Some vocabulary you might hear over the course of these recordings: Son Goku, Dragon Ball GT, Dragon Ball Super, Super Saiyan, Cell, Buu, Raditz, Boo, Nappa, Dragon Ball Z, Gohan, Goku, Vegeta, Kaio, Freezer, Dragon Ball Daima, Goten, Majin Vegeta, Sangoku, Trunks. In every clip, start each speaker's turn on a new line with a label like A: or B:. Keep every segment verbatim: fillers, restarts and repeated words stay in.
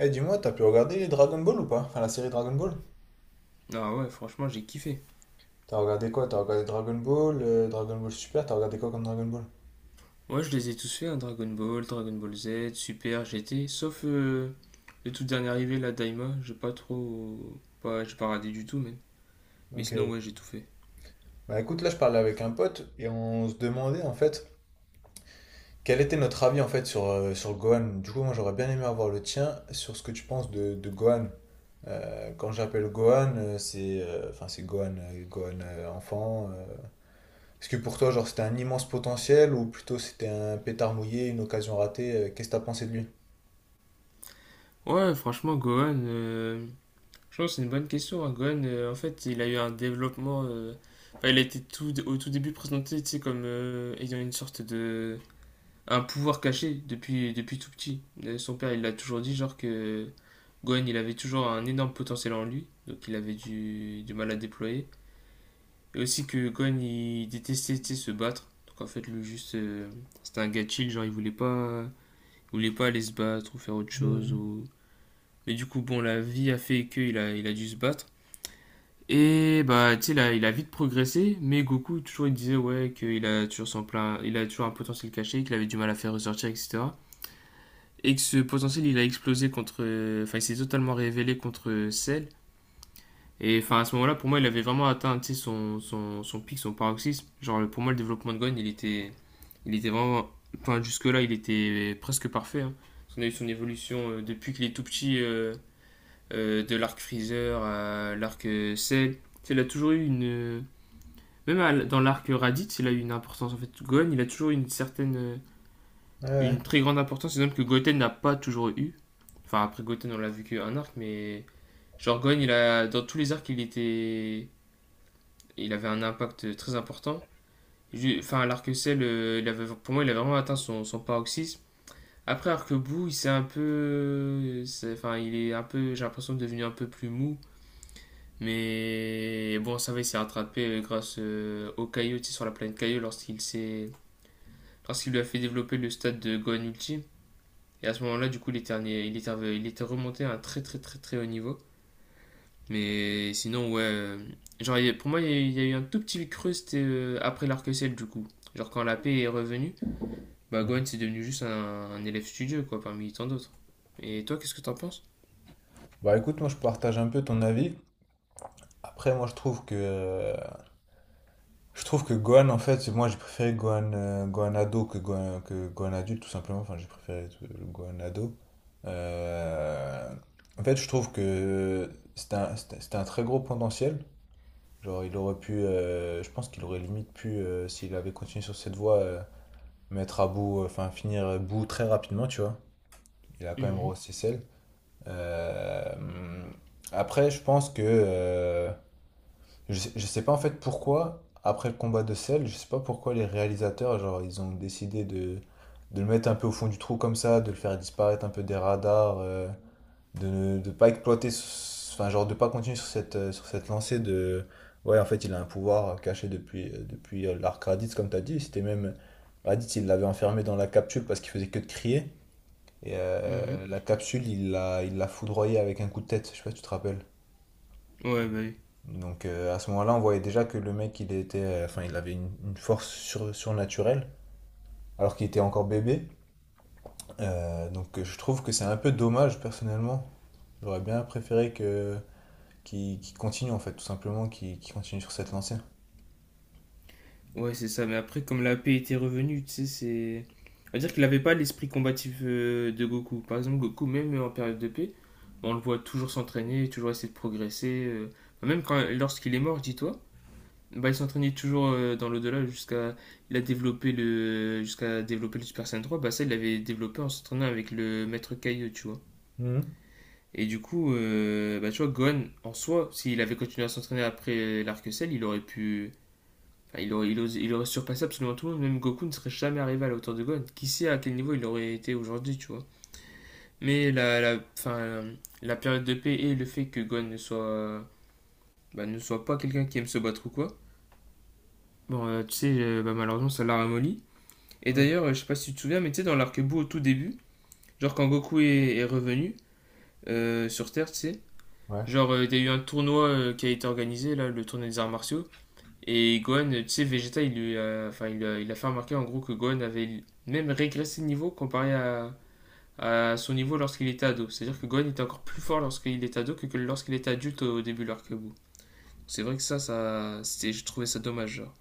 A: Eh dis-moi, t'as pu regarder les Dragon Ball ou pas? Enfin la série Dragon Ball?
B: Ah ouais, franchement, j'ai kiffé.
A: T'as regardé quoi? T'as regardé Dragon Ball, euh, Dragon Ball Super, t'as regardé quoi comme Dragon Ball?
B: Ouais, je les ai tous fait, hein, Dragon Ball, Dragon Ball Z, Super, G T, sauf euh, le tout dernier arrivé, la Daima, j'ai pas trop. Pas, J'ai pas radé du tout, même. Mais
A: Ok,
B: sinon,
A: ouais.
B: ouais, j'ai tout fait.
A: Bah écoute, là je parlais avec un pote et on se demandait en fait quel était notre avis en fait sur, euh, sur Gohan. Du coup moi j'aurais bien aimé avoir le tien sur ce que tu penses de, de Gohan. Euh, quand j'appelle Gohan, euh, c'est euh, enfin c'est Gohan, euh, Gohan euh, enfant. Euh. Est-ce que pour toi genre c'était un immense potentiel ou plutôt c'était un pétard mouillé, une occasion ratée? Euh, Qu'est-ce que t'as pensé de lui?
B: Ouais, franchement, Gohan, euh, je pense que c'est une bonne question. hein. Gohan, euh, en fait, il a eu un développement. Euh, enfin, il a été tout, au tout début présenté, tu sais, comme euh, ayant une sorte de un pouvoir caché depuis, depuis tout petit. Euh, Son père, il l'a toujours dit, genre que Gohan, il avait toujours un énorme potentiel en lui, donc il avait du, du mal à déployer. Et aussi que Gohan, il détestait tu sais, se battre. Donc en fait, lui, juste, euh, c'était un gars chill, genre il voulait pas, il voulait pas aller se battre ou faire autre chose.
A: Hmm.
B: Ou. Mais du coup, bon, la vie a fait qu'il a, il a dû se battre. Et bah, tu sais, là, il a vite progressé, mais Goku, toujours, il disait, ouais, qu'il a toujours son plein, il a toujours un potentiel caché, qu'il avait du mal à faire ressortir, et cetera Et que ce potentiel il a explosé contre. Enfin, il s'est totalement révélé contre Cell. Et enfin, à ce moment-là, pour moi, il avait vraiment atteint tu sais, son, son, son pic, son paroxysme. Genre, pour moi, le développement de Gon, il était, il était vraiment. Enfin, jusque-là, il était presque parfait. hein. On a eu son évolution euh, depuis qu'il est tout petit, euh, euh, de l'arc Freezer à l'arc euh, Cell. Tu il a toujours eu une. Même à- dans l'arc Raditz, il a eu une importance en fait. Gon, il a toujours eu une certaine. euh,
A: Ouais, ouais.
B: Une très grande importance, exemple que Goten n'a pas toujours eu. Enfin, après Goten, on l'a vu qu'un arc, mais genre Gon, il a, dans tous les arcs, il était, il avait un impact très important. Enfin, l'arc Cell, euh, il avait, pour moi, il a vraiment atteint son, son paroxysme. Après, arc Bou, il s'est un peu, c'est- enfin, il est un peu, j'ai l'impression devenu un peu plus mou. Mais bon, ça va, il s'est rattrapé euh, grâce euh, au Kaio, tu sais, sur la planète Kaio, lorsqu'il s'est, lorsqu'il lui a fait développer le stade de Gohan Ultime. Et à ce moment-là, du coup, il était, il, était, il était remonté à un très très très très haut niveau. Mais sinon, ouais. euh, Genre, pour moi, il y a eu un tout petit creux, c'était euh, après larc ciel du coup. Genre, quand la paix est revenue, bah, Gwen, c'est devenu juste un, un élève studieux, quoi, parmi tant d'autres. Et toi, qu'est-ce que t'en penses?
A: Bah écoute, moi je partage un peu ton avis. Après, moi je trouve que euh, je trouve que Gohan, en fait, moi j'ai préféré Gohan, euh, Gohan ado que Gohan, que Gohan adulte, tout simplement. Enfin, j'ai préféré euh, le Gohan ado. Euh, en fait, je trouve que c'était un, c'était- c'était un très gros potentiel. Genre, il aurait pu, euh, je pense qu'il aurait limite pu, euh, s'il avait continué sur cette voie, euh, mettre à bout, euh, enfin finir à bout très rapidement, tu vois. Il a quand même
B: Mhm,
A: rehaussé celle. Euh, après, je pense que euh, je sais, je sais pas en fait pourquoi, après le combat de Cell, je sais pas pourquoi les réalisateurs, genre, ils ont décidé de, de le mettre un peu au fond du trou comme ça, de le faire disparaître un peu des radars, euh, de ne de pas exploiter, ce- enfin, genre, de pas continuer sur cette, euh, sur cette lancée de. Ouais, en fait, il a un pouvoir caché depuis, euh, depuis euh, l'arc Raditz, comme t'as dit. C'était même. Raditz, il l'avait enfermé dans la capsule parce qu'il faisait que de crier. Et
B: mhm.
A: euh, la capsule, il l'a il l'a foudroyé avec un coup de tête. Je sais pas si tu te rappelles.
B: Ouais, bah oui.
A: Donc euh, à ce moment-là, on voyait déjà que le mec, il était, euh, enfin, il avait une, une force sur- surnaturelle, alors qu'il était encore bébé. Euh, donc euh, je trouve que c'est un peu dommage personnellement. J'aurais bien préféré que qu'il qu'il continue en fait, tout simplement, qu'il qu'il continue sur cette lancée.
B: Ouais, c'est ça. Mais après, comme la paix était revenue, tu sais, c'est. On va dire qu'il n'avait pas l'esprit combatif euh, de Goku. Par exemple, Goku, même en période de paix, on le voit toujours s'entraîner, toujours essayer de progresser. euh. Enfin, Même quand, lorsqu'il est mort, dis-toi, bah, il s'entraînait toujours euh, dans l'au-delà jusqu'à. Il a développé le. Jusqu'à développer le Super Saiyan trois. Bah, ça, il l'avait développé en s'entraînant avec le Maître Kaio, tu vois.
A: Mhm.
B: Et du coup, euh, bah, tu vois, Gohan, en soi, s'il avait continué à s'entraîner après euh, l'arc Cell, il aurait pu Enfin, il, aurait, il, os- il aurait surpassé absolument tout le monde, même Goku ne serait jamais arrivé à la hauteur de Gohan. Qui sait à quel niveau il aurait été aujourd'hui, tu vois. Mais la, la, fin la période de paix et le fait que Gohan ne soit, euh, bah, ne soit pas quelqu'un qui aime se battre ou quoi, bon, euh, tu sais, euh, bah, malheureusement, ça l'a ramolli. Et
A: Mhm.
B: d'ailleurs, euh, je sais pas si tu te souviens, mais tu sais, dans l'arc Buu au tout début, genre quand Goku est, est revenu euh, sur Terre, tu sais,
A: Ouais.
B: genre euh, il euh, y a eu un tournoi euh, qui a été organisé, là, le tournoi des arts martiaux. Et Gohan, tu sais, Vegeta, il lui a, enfin, il a, il a fait remarquer en gros que Gohan avait même régressé de niveau comparé à, à son niveau lorsqu'il était ado. C'est-à-dire que Gohan était encore plus fort lorsqu'il était ado que, que lorsqu'il était adulte au début de l'arc-bout. C'est vrai que ça, ça c'était, je trouvais ça dommage, genre.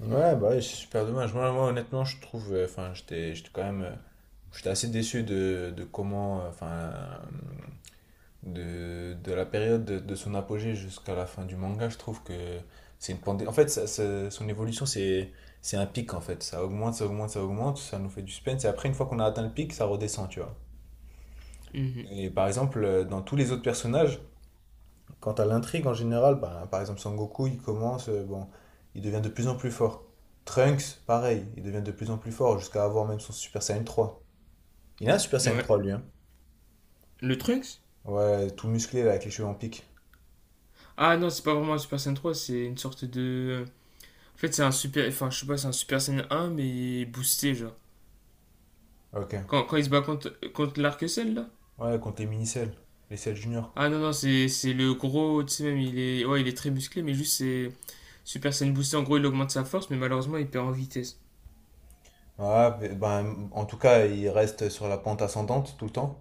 A: Ouais, bah ouais, c'est super dommage. Moi, moi, honnêtement, je trouve, euh, enfin, j'étais, j'étais quand même, euh, j'étais assez déçu de, de comment, euh, enfin, de, de la période de, de son apogée jusqu'à la fin du manga, je trouve que c'est une pandémie. En fait, ça- ça- son évolution, c'est c'est un pic, en fait. Ça augmente, ça augmente, ça augmente, ça nous fait du suspense. Et après, une fois qu'on a atteint le pic, ça redescend, tu vois.
B: Mhm.
A: Et par exemple, euh, dans tous les autres personnages, quant à l'intrigue en général, ben, par exemple, Sangoku, il commence, euh, bon, il devient de plus en plus fort. Trunks, pareil, il devient de plus en plus fort jusqu'à avoir même son Super Saiyan trois. Il a un Super Saiyan
B: Ouais.
A: trois lui, hein.
B: Le Trunks.
A: Ouais, tout musclé, là, avec les cheveux en pique.
B: Ah non, c'est pas vraiment un Super Saiyan trois, c'est une sorte de. En fait, c'est un Super. Enfin, je sais pas, c'est un Super Saiyan un mais boosté, genre.
A: Ok.
B: Quand, quand il se bat contre, contre l'arc-ciel, là.
A: Ouais, contre les mini-selles, les selles juniors.
B: Ah non, non, c'est c'est le gros, tu sais même, il est, ouais, il est très musclé, mais juste c'est Super Saiyan Boosté, en gros, il augmente sa force, mais malheureusement, il perd en vitesse.
A: Ouais, mais, ben, en tout cas, il reste sur la pente ascendante tout le temps.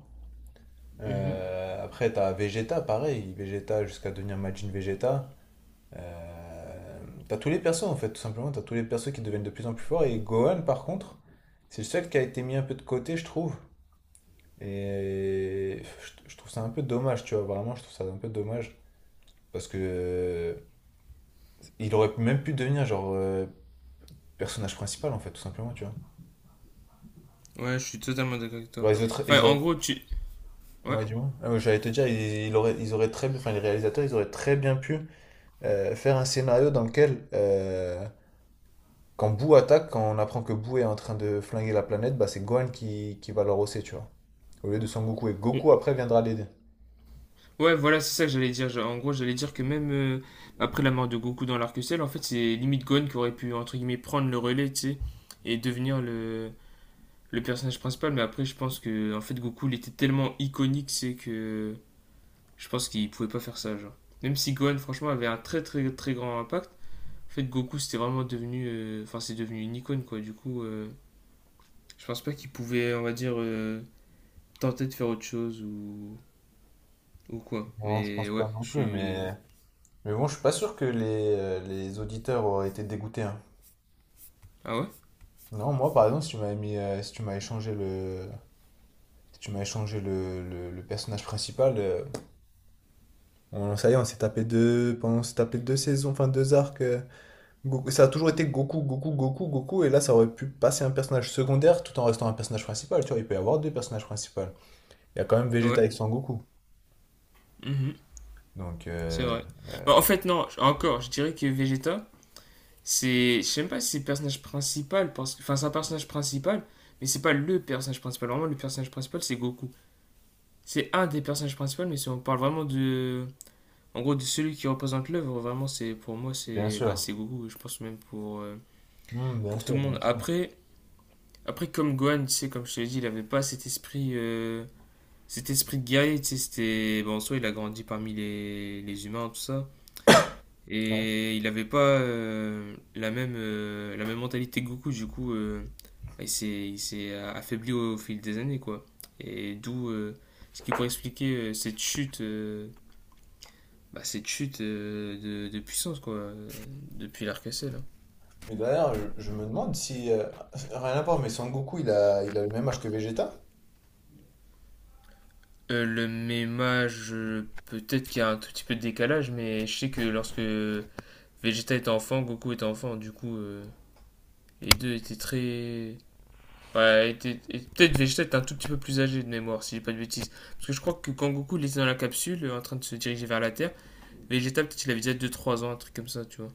B: Mhm.
A: Euh, après, t'as Vegeta, pareil, Vegeta jusqu'à devenir Majin Vegeta. Euh, t'as tous les persos en fait, tout simplement. T'as tous les persos qui deviennent de plus en plus forts. Et Gohan, par contre, c'est le seul qui a été mis un peu de côté, je trouve. Et je, je trouve ça un peu dommage, tu vois. Vraiment, je trouve ça un peu dommage. Parce que euh, il aurait même pu devenir genre euh, personnage principal en fait, tout simplement, tu vois.
B: Ouais, je suis totalement d'accord avec toi.
A: Genre, ils auraient,
B: Enfin,
A: ils
B: en
A: auraient...
B: gros, tu. Ouais,
A: Ouais, du moins. Ah, ouais, j'allais te dire, ils, ils auraient, ils auraient très, bien- enfin, les réalisateurs, ils auraient très bien pu euh, faire un scénario dans lequel, euh, quand Boo attaque, quand on apprend que Boo est en train de flinguer la planète, bah, c'est Gohan qui, qui va le rosser, tu vois. Au lieu de Son Goku. Et Goku, après, viendra l'aider.
B: ouais voilà, c'est ça que j'allais dire. En gros, j'allais dire que même euh, après la mort de Goku dans l'arc-ciel, en fait, c'est limite Gon qui aurait pu, entre guillemets, prendre le relais, tu sais, et devenir le, le personnage principal. Mais après, je pense que, en fait, Goku, il était tellement iconique, c'est que je pense qu'il pouvait pas faire ça, genre. Même si Gon, franchement, avait un très, très, très grand impact. En fait, Goku, c'était vraiment devenu. euh, Enfin, euh, c'est devenu une icône, quoi. Du coup, euh, je pense pas qu'il pouvait, on va dire, euh, tenter de faire autre chose ou, ou, quoi.
A: Non, je
B: Mais
A: pense
B: ouais,
A: pas non
B: je
A: plus,
B: suis.
A: mais... Mais bon, je suis pas sûr que les, euh, les auditeurs auraient été dégoûtés, hein.
B: Ah ouais?
A: Non, moi, par exemple, si tu m'avais mis, euh, si tu m'as échangé le... Si tu m'as échangé le, le, le personnage principal, euh, on, ça y est, on s'est tapé deux, pendant, on s'est tapé deux saisons, enfin deux arcs, euh, Goku- ça a toujours été Goku, Goku, Goku, Goku, et là ça aurait pu passer un personnage secondaire tout en restant un personnage principal, tu vois, il peut y avoir deux personnages principaux. Il y a quand même Vegeta
B: Ouais,
A: avec son Goku.
B: mhm,
A: Donc,
B: c'est
A: euh,
B: vrai.
A: euh,
B: Bah, en fait, non, encore, je dirais que Vegeta, c'est. Je sais même pas si c'est le personnage principal, parce que. Enfin, c'est un personnage principal, mais c'est pas le personnage principal. Vraiment, le personnage principal, c'est Goku. C'est un des personnages principaux, mais si on parle vraiment de. En gros, de celui qui représente l'œuvre, vraiment, c'est pour moi,
A: bien
B: c'est bah,
A: sûr.
B: c'est Goku. Je pense même pour, euh,
A: Hmm, bien
B: pour tout
A: sûr,
B: le
A: bien
B: monde.
A: sûr.
B: Après, après comme Gohan, tu sais, comme je te l'ai dit, il avait pas cet esprit, euh, cet esprit de guerrier, tu sais, c'était. Bon, en soi, il a grandi parmi les, les humains, tout ça.
A: Ouais.
B: Et il avait pas euh, la même, euh, la même mentalité que Goku, du coup, euh, il s'est il s'est affaibli au, au fil des années, quoi. Et d'où euh, ce qui pourrait expliquer euh, cette chute, euh, bah, cette chute euh, de, de puissance, quoi, euh, depuis larc là.
A: Mais d'ailleurs, je, je me demande si... euh, rien à voir, mais Son Goku, il a, il a le même âge que Vegeta?
B: Euh, le méma, je. Peut-être qu'il y a un tout petit peu de décalage, mais je sais que lorsque Vegeta était enfant, Goku était enfant, du coup, euh, les deux étaient très. Bah, étaient- et Peut-être Vegeta était un tout petit peu plus âgé de mémoire, si j'ai pas de bêtises. Parce que je crois que quand Goku il était dans la capsule, euh, en train de se diriger vers la Terre, Vegeta, peut-être il avait déjà deux trois ans, un truc comme ça, tu vois.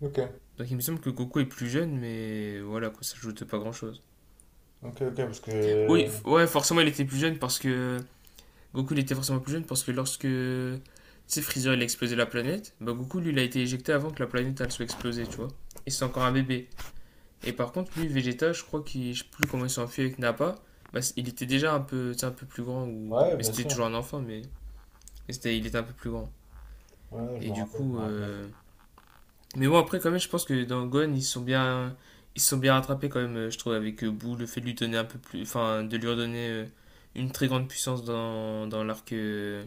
A: Ok,
B: Donc il me semble que Goku est plus jeune, mais voilà, quoi, ça joue de pas grand-chose.
A: ok, ok, parce
B: Oui, f-
A: que...
B: ouais, forcément il était plus jeune parce que Goku, il était forcément plus jeune parce que lorsque, tu sais, Freezer, il a explosé la planète, bah Goku, lui, il a été éjecté avant que la planète, elle soit explosée, tu vois. Et c'est encore un bébé. Et par contre, lui, Vegeta, je crois qu'il, je sais plus comment il s'est enfui avec Nappa, bah, il était déjà un peu, tu sais, un peu plus grand, ou.
A: Ouais,
B: Mais
A: bien
B: c'était
A: sûr.
B: toujours un enfant, mais, mais c'était, il était un peu plus grand.
A: Ouais, je
B: Et
A: m'en
B: du
A: rappelle, je
B: coup,
A: m'en rappelle.
B: euh, mais bon, après, quand même, je pense que dans Gon, ils sont bien, ils sont bien rattrapés quand même, euh, je trouve, avec euh, Boo, le fait de lui donner un peu plus, enfin, de lui redonner euh, une très grande puissance dans, dans l'arc euh,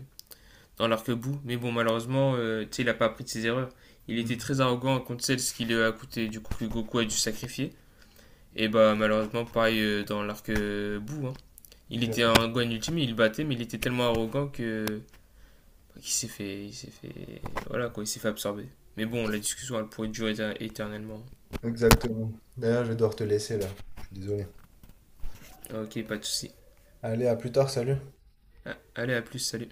B: dans l'arc-bout. Mais bon, malheureusement, euh, tu sais, il a pas appris de ses erreurs. Il
A: Hmm.
B: était très arrogant contre celle ce qui lui a coûté du coup que Goku a dû sacrifier. Et bah malheureusement, pareil euh, dans l'arc-bout. hein. Il
A: Il a
B: était un
A: fini.
B: Gohan ultime, il battait, mais il était tellement arrogant que bah, qu'il s'est fait, il s'est fait, voilà quoi, il s'est fait absorber. Mais bon, la discussion elle pourrait durer éternellement.
A: Exactement. D'ailleurs, je vais devoir te laisser là. Je suis désolé.
B: Ok, pas de souci.
A: Allez, à plus tard, salut.
B: Ah, allez, à plus, salut.